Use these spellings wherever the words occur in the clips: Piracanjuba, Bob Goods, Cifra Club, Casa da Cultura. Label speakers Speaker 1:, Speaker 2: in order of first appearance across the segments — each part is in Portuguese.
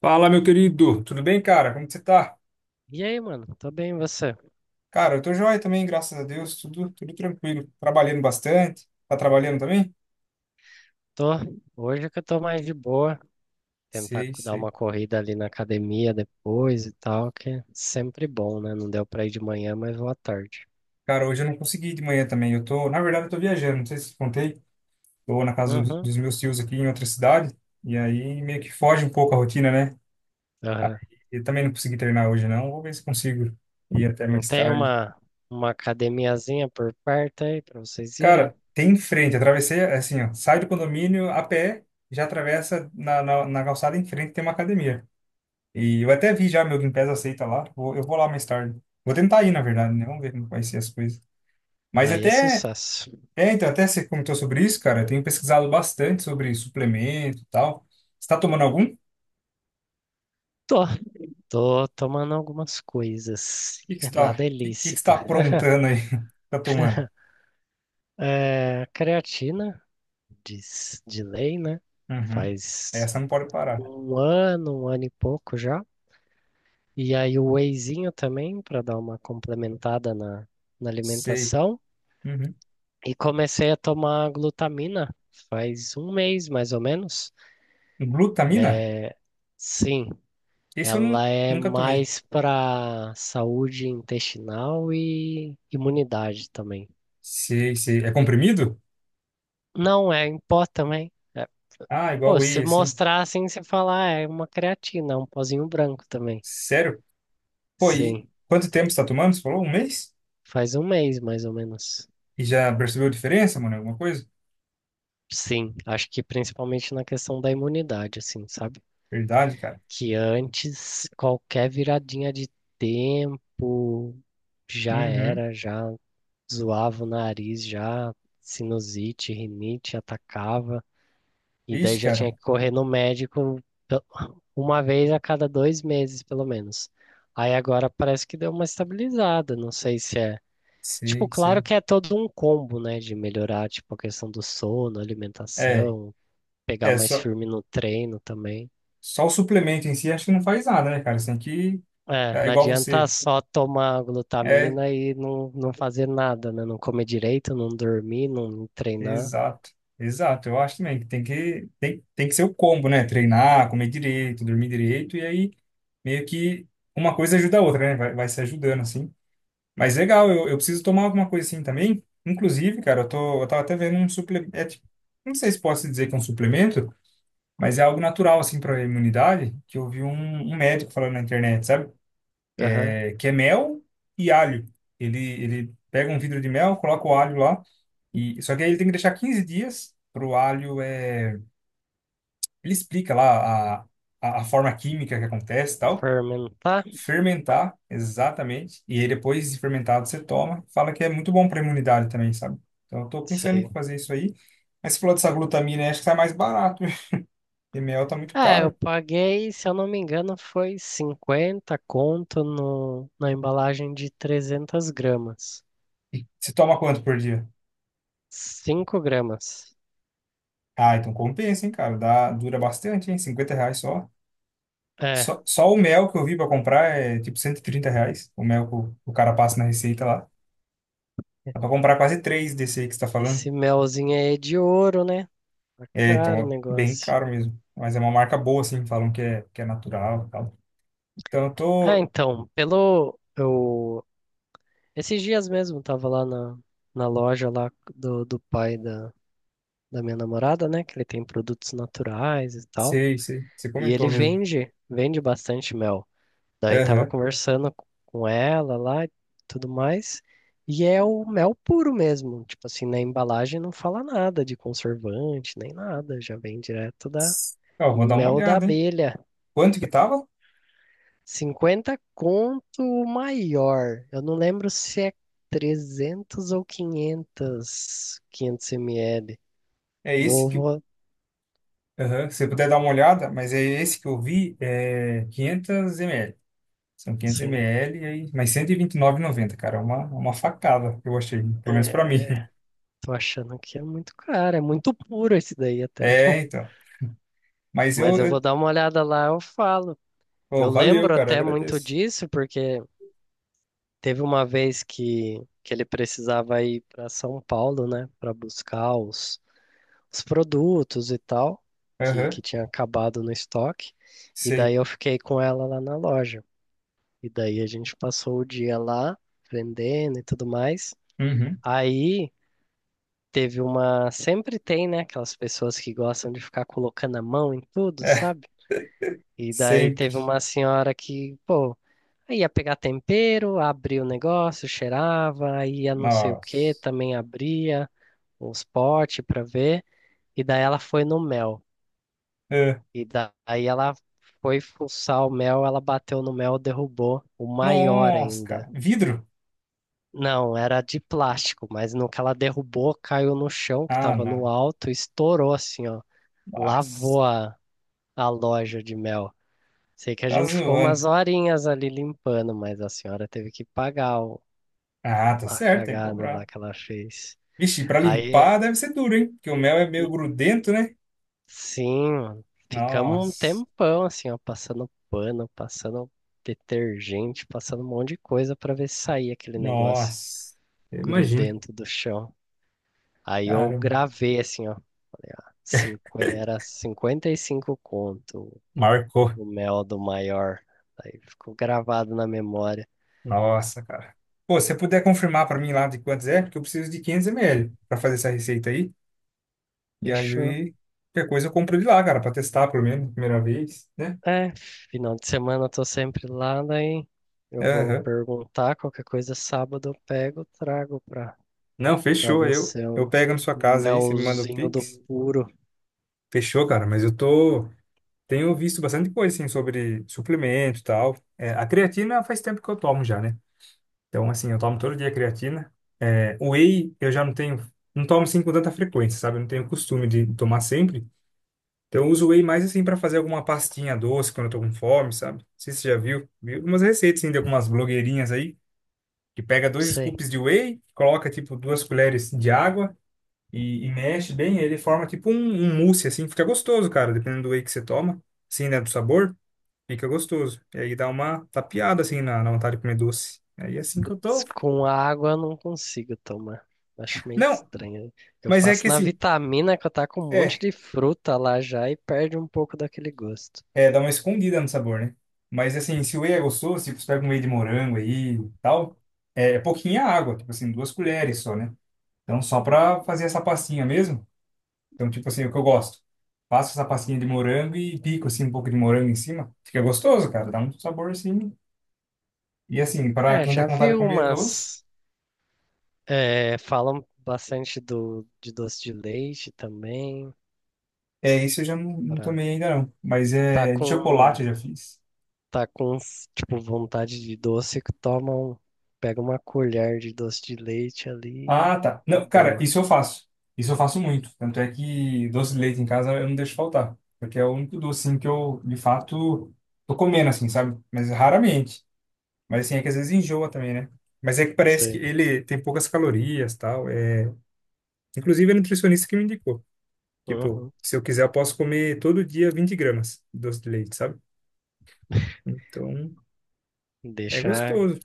Speaker 1: Fala, meu querido. Tudo bem, cara? Como que você tá?
Speaker 2: E aí, mano? Tô bem, e você?
Speaker 1: Cara, eu tô joia também, graças a Deus. Tudo tranquilo. Trabalhando bastante. Tá trabalhando também?
Speaker 2: Tô. Hoje é que eu tô mais de boa. Tentar
Speaker 1: Sei,
Speaker 2: dar
Speaker 1: sei.
Speaker 2: uma corrida ali na academia depois e tal, que é sempre bom, né? Não deu pra ir de manhã, mas vou à tarde.
Speaker 1: Cara, hoje eu não consegui ir de manhã também. Eu tô, na verdade, eu tô viajando. Não sei se eu contei. Tô na casa dos
Speaker 2: Uhum.
Speaker 1: dos meus tios aqui em outra cidade. E aí meio que foge um pouco a rotina, né?
Speaker 2: Aham.
Speaker 1: Eu também não consegui treinar hoje, não. Vou ver se consigo ir até
Speaker 2: Não
Speaker 1: mais
Speaker 2: tem
Speaker 1: tarde.
Speaker 2: uma academiazinha por perto aí pra vocês irem?
Speaker 1: Cara, tem em frente. Atravessei, assim, ó. Sai do condomínio a pé, já atravessa na calçada em frente, tem uma academia. E eu até vi já, meu Game Pass aceita lá. Eu vou lá mais tarde. Vou tentar ir, na verdade,
Speaker 2: Boa.
Speaker 1: né? Vamos ver como vai ser as coisas. Mas
Speaker 2: Aí é
Speaker 1: até,
Speaker 2: sucesso.
Speaker 1: até você comentou sobre isso, cara. Eu tenho pesquisado bastante sobre suplemento e tal. Você está tomando algum? O
Speaker 2: Tô. Tô tomando algumas coisas.
Speaker 1: que que você está,
Speaker 2: Nada é
Speaker 1: que, que que você
Speaker 2: lícito.
Speaker 1: está aprontando aí? Tá tomando?
Speaker 2: É, creatina, diz de lei, né?
Speaker 1: Uhum.
Speaker 2: Faz
Speaker 1: Essa não pode parar.
Speaker 2: um ano e pouco já. E aí o wheyzinho também, para dar uma complementada na
Speaker 1: Sei.
Speaker 2: alimentação.
Speaker 1: Uhum.
Speaker 2: E comecei a tomar glutamina faz um mês, mais ou menos.
Speaker 1: Glutamina?
Speaker 2: É, sim,
Speaker 1: Esse eu não,
Speaker 2: ela é
Speaker 1: nunca tomei.
Speaker 2: mais para saúde intestinal e imunidade também.
Speaker 1: Sei, sei. É comprimido?
Speaker 2: Não, é em pó também. É,
Speaker 1: Ah, igual
Speaker 2: pô, se
Speaker 1: whey, assim.
Speaker 2: mostrar assim, você falar, ah, é uma creatina, é um pozinho branco também.
Speaker 1: Sério? Pô, e
Speaker 2: Sim,
Speaker 1: quanto tempo você está tomando? Você falou? Um mês?
Speaker 2: faz um mês mais ou menos.
Speaker 1: E já percebeu a diferença, mano? Alguma coisa?
Speaker 2: Sim, acho que principalmente na questão da imunidade, assim, sabe?
Speaker 1: Verdade, cara.
Speaker 2: Que antes qualquer viradinha de tempo já
Speaker 1: Uhum.
Speaker 2: era, já zoava o nariz, já sinusite, rinite atacava, e daí
Speaker 1: Ixi,
Speaker 2: já tinha
Speaker 1: cara.
Speaker 2: que correr no médico pe- uma vez a cada dois meses, pelo menos. Aí agora parece que deu uma estabilizada, não sei se é. Tipo,
Speaker 1: Sei,
Speaker 2: claro
Speaker 1: sei.
Speaker 2: que é todo um combo, né, de melhorar, tipo, a questão do sono,
Speaker 1: É,
Speaker 2: alimentação, pegar
Speaker 1: é
Speaker 2: mais
Speaker 1: só,
Speaker 2: firme no treino também.
Speaker 1: só o suplemento em si acho que não faz nada, né, cara? Você tem que.
Speaker 2: É,
Speaker 1: É
Speaker 2: não
Speaker 1: igual
Speaker 2: adianta
Speaker 1: você.
Speaker 2: só tomar
Speaker 1: É,
Speaker 2: glutamina e não fazer nada, né? Não comer direito, não dormir, não treinar.
Speaker 1: exato. Exato. Eu acho também que tem que ser o combo, né? Treinar, comer direito, dormir direito, e aí meio que uma coisa ajuda a outra, né? Vai se ajudando, assim. Mas legal, eu preciso tomar alguma coisa assim também. Inclusive, cara, eu tava até vendo um suplemento. Não sei se posso dizer que é um suplemento. Mas é algo natural, assim, para a imunidade, que eu vi um médico falando na internet, sabe?
Speaker 2: Aham.
Speaker 1: É, que é mel e alho. Ele pega um vidro de mel, coloca o alho lá, e só que aí ele tem que deixar 15 dias para o alho. É, ele explica lá a forma química que acontece e tal.
Speaker 2: Fermentar?
Speaker 1: Fermentar, exatamente. E aí depois de fermentado você toma. Fala que é muito bom para a imunidade também, sabe? Então eu tô pensando em
Speaker 2: Sei.
Speaker 1: fazer isso aí. Mas você falou dessa glutamina, acho que sai mais barato. E mel tá muito
Speaker 2: É, eu
Speaker 1: caro.
Speaker 2: paguei, se eu não me engano, foi 50 conto no, na embalagem de 300 gramas.
Speaker 1: Você toma quanto por dia?
Speaker 2: 5 gramas.
Speaker 1: Ah, então compensa, hein, cara? Dá, dura bastante, hein? R$ 50 só.
Speaker 2: É,
Speaker 1: Só o mel que eu vi pra comprar é tipo R$ 130. O mel que o cara passa na receita lá. Dá pra comprar quase três desse aí que você tá falando.
Speaker 2: esse melzinho aí é de ouro, né? Tá
Speaker 1: É,
Speaker 2: caro o
Speaker 1: então, bem
Speaker 2: negócio.
Speaker 1: caro mesmo. Mas é uma marca boa, assim, falam que é natural e tal. Então eu
Speaker 2: Ah,
Speaker 1: tô.
Speaker 2: então, pelo. Eu esses dias mesmo tava lá na loja lá do pai da minha namorada, né? Que ele tem produtos naturais e tal.
Speaker 1: Sei, sei. Você
Speaker 2: E ele
Speaker 1: comentou mesmo.
Speaker 2: vende bastante mel. Daí tava
Speaker 1: Aham.
Speaker 2: conversando com ela lá e tudo mais. E é o mel puro mesmo. Tipo assim, na embalagem não fala nada de conservante, nem nada. Já vem direto da
Speaker 1: Ó, eu vou dar uma
Speaker 2: mel da
Speaker 1: olhada, hein?
Speaker 2: abelha.
Speaker 1: Quanto que tava?
Speaker 2: 50 conto o maior. Eu não lembro se é 300 ou 500, 500 ml.
Speaker 1: É esse
Speaker 2: Vou,
Speaker 1: que.
Speaker 2: vou,
Speaker 1: Aham. Se você puder dar uma olhada, mas é esse que eu vi, é 500 ml. São 500
Speaker 2: sim.
Speaker 1: ml, e aí, mas 129,90 cara. É uma facada, eu achei. Pelo menos pra
Speaker 2: É,
Speaker 1: mim.
Speaker 2: tô achando que é muito caro, é muito puro esse daí até.
Speaker 1: É, então. Mas eu...
Speaker 2: Mas eu vou
Speaker 1: eu...
Speaker 2: dar uma olhada lá, eu falo.
Speaker 1: Pô,
Speaker 2: Eu
Speaker 1: valeu,
Speaker 2: lembro
Speaker 1: cara. Eu
Speaker 2: até muito
Speaker 1: Agradeço.
Speaker 2: disso, porque teve uma vez que ele precisava ir para São Paulo, né, para buscar os produtos e tal, que
Speaker 1: Aham,
Speaker 2: tinha acabado no estoque. E
Speaker 1: sei.
Speaker 2: daí eu fiquei com ela lá na loja. E daí a gente passou o dia lá vendendo e tudo mais.
Speaker 1: Uhum.
Speaker 2: Aí teve uma. Sempre tem, né? Aquelas pessoas que gostam de ficar colocando a mão em tudo,
Speaker 1: É,
Speaker 2: sabe? E daí teve
Speaker 1: sempre.
Speaker 2: uma senhora que, pô, aí ia pegar tempero, abria o negócio, cheirava, aí ia não sei o que,
Speaker 1: Nossa.
Speaker 2: também abria os potes pra ver. E daí ela foi no mel.
Speaker 1: É.
Speaker 2: E daí ela foi fuçar o mel, ela bateu no mel, derrubou o maior
Speaker 1: Nossa,
Speaker 2: ainda.
Speaker 1: cara. Vidro?
Speaker 2: Não, era de plástico, mas no que ela derrubou, caiu no chão que
Speaker 1: Ah,
Speaker 2: tava no
Speaker 1: não.
Speaker 2: alto, estourou assim, ó.
Speaker 1: Nossa.
Speaker 2: Lavou a loja de mel. Sei que a
Speaker 1: Tá
Speaker 2: gente ficou
Speaker 1: zoando.
Speaker 2: umas horinhas ali limpando, mas a senhora teve que pagar
Speaker 1: Ah, tá
Speaker 2: a
Speaker 1: certo, tem que
Speaker 2: cagada lá
Speaker 1: comprar.
Speaker 2: que ela fez.
Speaker 1: Vixe, pra
Speaker 2: Aí.
Speaker 1: limpar deve ser duro, hein? Porque o mel é meio grudento, né?
Speaker 2: Sim, mano. Ficamos um
Speaker 1: Nossa.
Speaker 2: tempão assim, ó, passando pano, passando detergente, passando um monte de coisa pra ver se saía aquele negócio
Speaker 1: Nossa. Eu imagino.
Speaker 2: grudento do chão. Aí eu
Speaker 1: Caramba.
Speaker 2: gravei assim, ó. Falei, ó, era 55 conto
Speaker 1: Marcou.
Speaker 2: o mel do maior. Aí ficou gravado na memória.
Speaker 1: Nossa, cara. Pô, se você puder confirmar pra mim lá de quantos é, porque eu preciso de 500 ml pra fazer essa receita aí. E
Speaker 2: Fechou.
Speaker 1: aí, qualquer coisa eu compro de lá, cara, pra testar pelo menos, primeira vez, né?
Speaker 2: É, final de semana eu tô sempre lá, daí eu vou
Speaker 1: Aham.
Speaker 2: perguntar qualquer coisa sábado eu pego, trago pra
Speaker 1: Não,
Speaker 2: pra
Speaker 1: fechou. Eu,
Speaker 2: você,
Speaker 1: eu
Speaker 2: um
Speaker 1: pego na sua casa aí, você me manda o
Speaker 2: melzinho do
Speaker 1: Pix.
Speaker 2: puro.
Speaker 1: Fechou, cara, mas eu tô. Tenho visto bastante coisa, assim, sobre suplemento e tal. É, a creatina faz tempo que eu tomo já, né? Então, assim, eu tomo todo dia creatina. É, whey, eu já não tenho. Não tomo assim com tanta frequência, sabe? Eu não tenho costume de tomar sempre. Então, eu uso whey mais assim para fazer alguma pastinha doce quando eu tô com fome, sabe? Não sei se você já viu. Vi algumas receitas assim, de algumas blogueirinhas aí, que pega dois
Speaker 2: Sei.
Speaker 1: scoops de whey, coloca tipo duas colheres de água e mexe bem, ele forma tipo um mousse assim, fica gostoso, cara, dependendo do whey que você toma, assim, né, do sabor, fica gostoso. E aí dá uma tapeada assim na vontade de comer doce. Aí é assim que eu tô.
Speaker 2: Com água eu não consigo tomar. Acho meio
Speaker 1: Não,
Speaker 2: estranho. Eu
Speaker 1: mas é que
Speaker 2: faço na
Speaker 1: assim,
Speaker 2: vitamina que eu tá com um monte
Speaker 1: é.
Speaker 2: de fruta lá já e perde um pouco daquele gosto.
Speaker 1: É, dá uma escondida no sabor, né? Mas assim, se o whey é gostoso, tipo, você pega um whey de morango aí e tal, é pouquinha água, tipo assim, duas colheres só, né? Então, só pra fazer essa pastinha mesmo. Então, tipo assim, é o que eu gosto. Faço essa pastinha de morango e pico, assim, um pouco de morango em cima. Fica gostoso, cara. Dá um sabor, assim. E assim, pra
Speaker 2: É,
Speaker 1: quem tá
Speaker 2: já
Speaker 1: com vontade
Speaker 2: vi
Speaker 1: de comer doce,
Speaker 2: umas. É, falam bastante do, de doce de leite também.
Speaker 1: é isso eu já não, não
Speaker 2: Pra,
Speaker 1: tomei ainda, não. Mas
Speaker 2: tá
Speaker 1: é de
Speaker 2: com,
Speaker 1: chocolate eu já fiz.
Speaker 2: tá com, tipo, vontade de doce que tomam, pega uma colher de doce de leite ali
Speaker 1: Ah, tá.
Speaker 2: e
Speaker 1: Não, cara,
Speaker 2: boa.
Speaker 1: isso eu faço. Isso eu faço muito. Tanto é que doce de leite em casa eu não deixo faltar. Porque é o único doce, assim, que eu, de fato, tô comendo, assim, sabe? Mas raramente. Mas, assim, é que às vezes enjoa também, né? Mas é que parece que
Speaker 2: Sei.
Speaker 1: ele tem poucas calorias, tal. É... Inclusive, a nutricionista que me indicou. Tipo,
Speaker 2: Uhum.
Speaker 1: se eu quiser, eu posso comer todo dia 20 gramas de doce de leite, sabe? Então, é
Speaker 2: Deixar
Speaker 1: gostoso.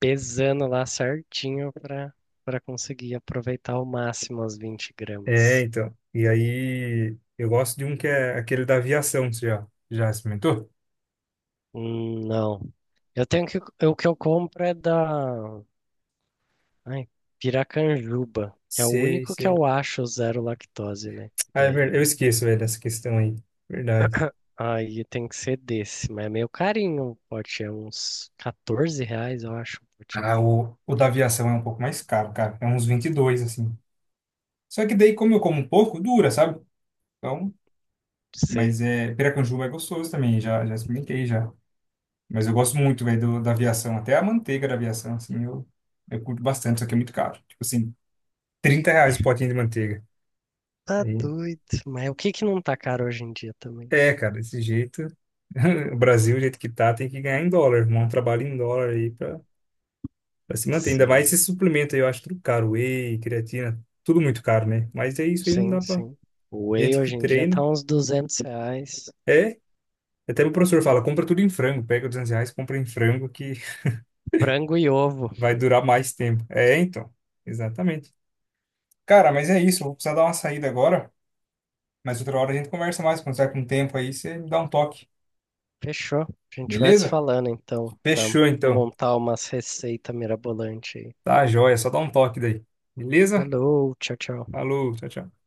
Speaker 2: pesando lá certinho para conseguir aproveitar ao máximo as 20
Speaker 1: É,
Speaker 2: gramas.
Speaker 1: então. E aí, eu gosto de um que é aquele da aviação, você já experimentou?
Speaker 2: Não. Eu tenho que o que eu compro é da ai, Piracanjuba, que é o
Speaker 1: Sei,
Speaker 2: único que
Speaker 1: sei.
Speaker 2: eu acho zero lactose, né?
Speaker 1: Ah, é verdade. Eu
Speaker 2: Daí
Speaker 1: esqueço, velho, essa questão aí. Verdade.
Speaker 2: aí tem que ser desse, mas é meio carinho o pote, é uns R$ 14, eu acho, o potinho.
Speaker 1: Ah, o da aviação é um pouco mais caro, cara. É uns 22 assim. Só que daí, como eu como um pouco, dura, sabe? Então,
Speaker 2: Sei.
Speaker 1: mas é... Piracanjuba é gostoso também, já experimentei, já. Mas eu gosto muito, velho, da aviação. Até a manteiga da aviação, assim, eu curto bastante, só que é muito caro. Tipo assim, R$ 30 o potinho de manteiga.
Speaker 2: Tá
Speaker 1: Aí,
Speaker 2: doido. Mas o que que não tá caro hoje em dia também?
Speaker 1: é, cara, desse jeito. O Brasil, o jeito que tá, tem que ganhar em dólar, arrumar um trabalho em dólar aí pra se manter. Ainda mais
Speaker 2: Sim.
Speaker 1: esse suplemento aí, eu acho tudo caro. Whey, creatina, tudo muito caro, né? Mas é isso aí, não dá
Speaker 2: Sim,
Speaker 1: pra.
Speaker 2: sim. O whey
Speaker 1: Gente que
Speaker 2: hoje em dia
Speaker 1: treina.
Speaker 2: tá uns R$ 200.
Speaker 1: É, até o professor fala, compra tudo em frango. Pega R$ 200, compra em frango que
Speaker 2: Frango e ovo.
Speaker 1: vai durar mais tempo. É, então. Exatamente. Cara, mas é isso. eu Vou precisar dar uma saída agora. Mas outra hora a gente conversa mais. Quando tiver com tempo aí, você me dá um toque.
Speaker 2: Fechou. A gente vai se
Speaker 1: Beleza?
Speaker 2: falando então, pra
Speaker 1: Fechou, então.
Speaker 2: montar umas receitas mirabolantes aí.
Speaker 1: Tá, joia. Só dá um toque daí. Beleza?
Speaker 2: Falou, tchau, tchau.
Speaker 1: Falou, tchau, tchau.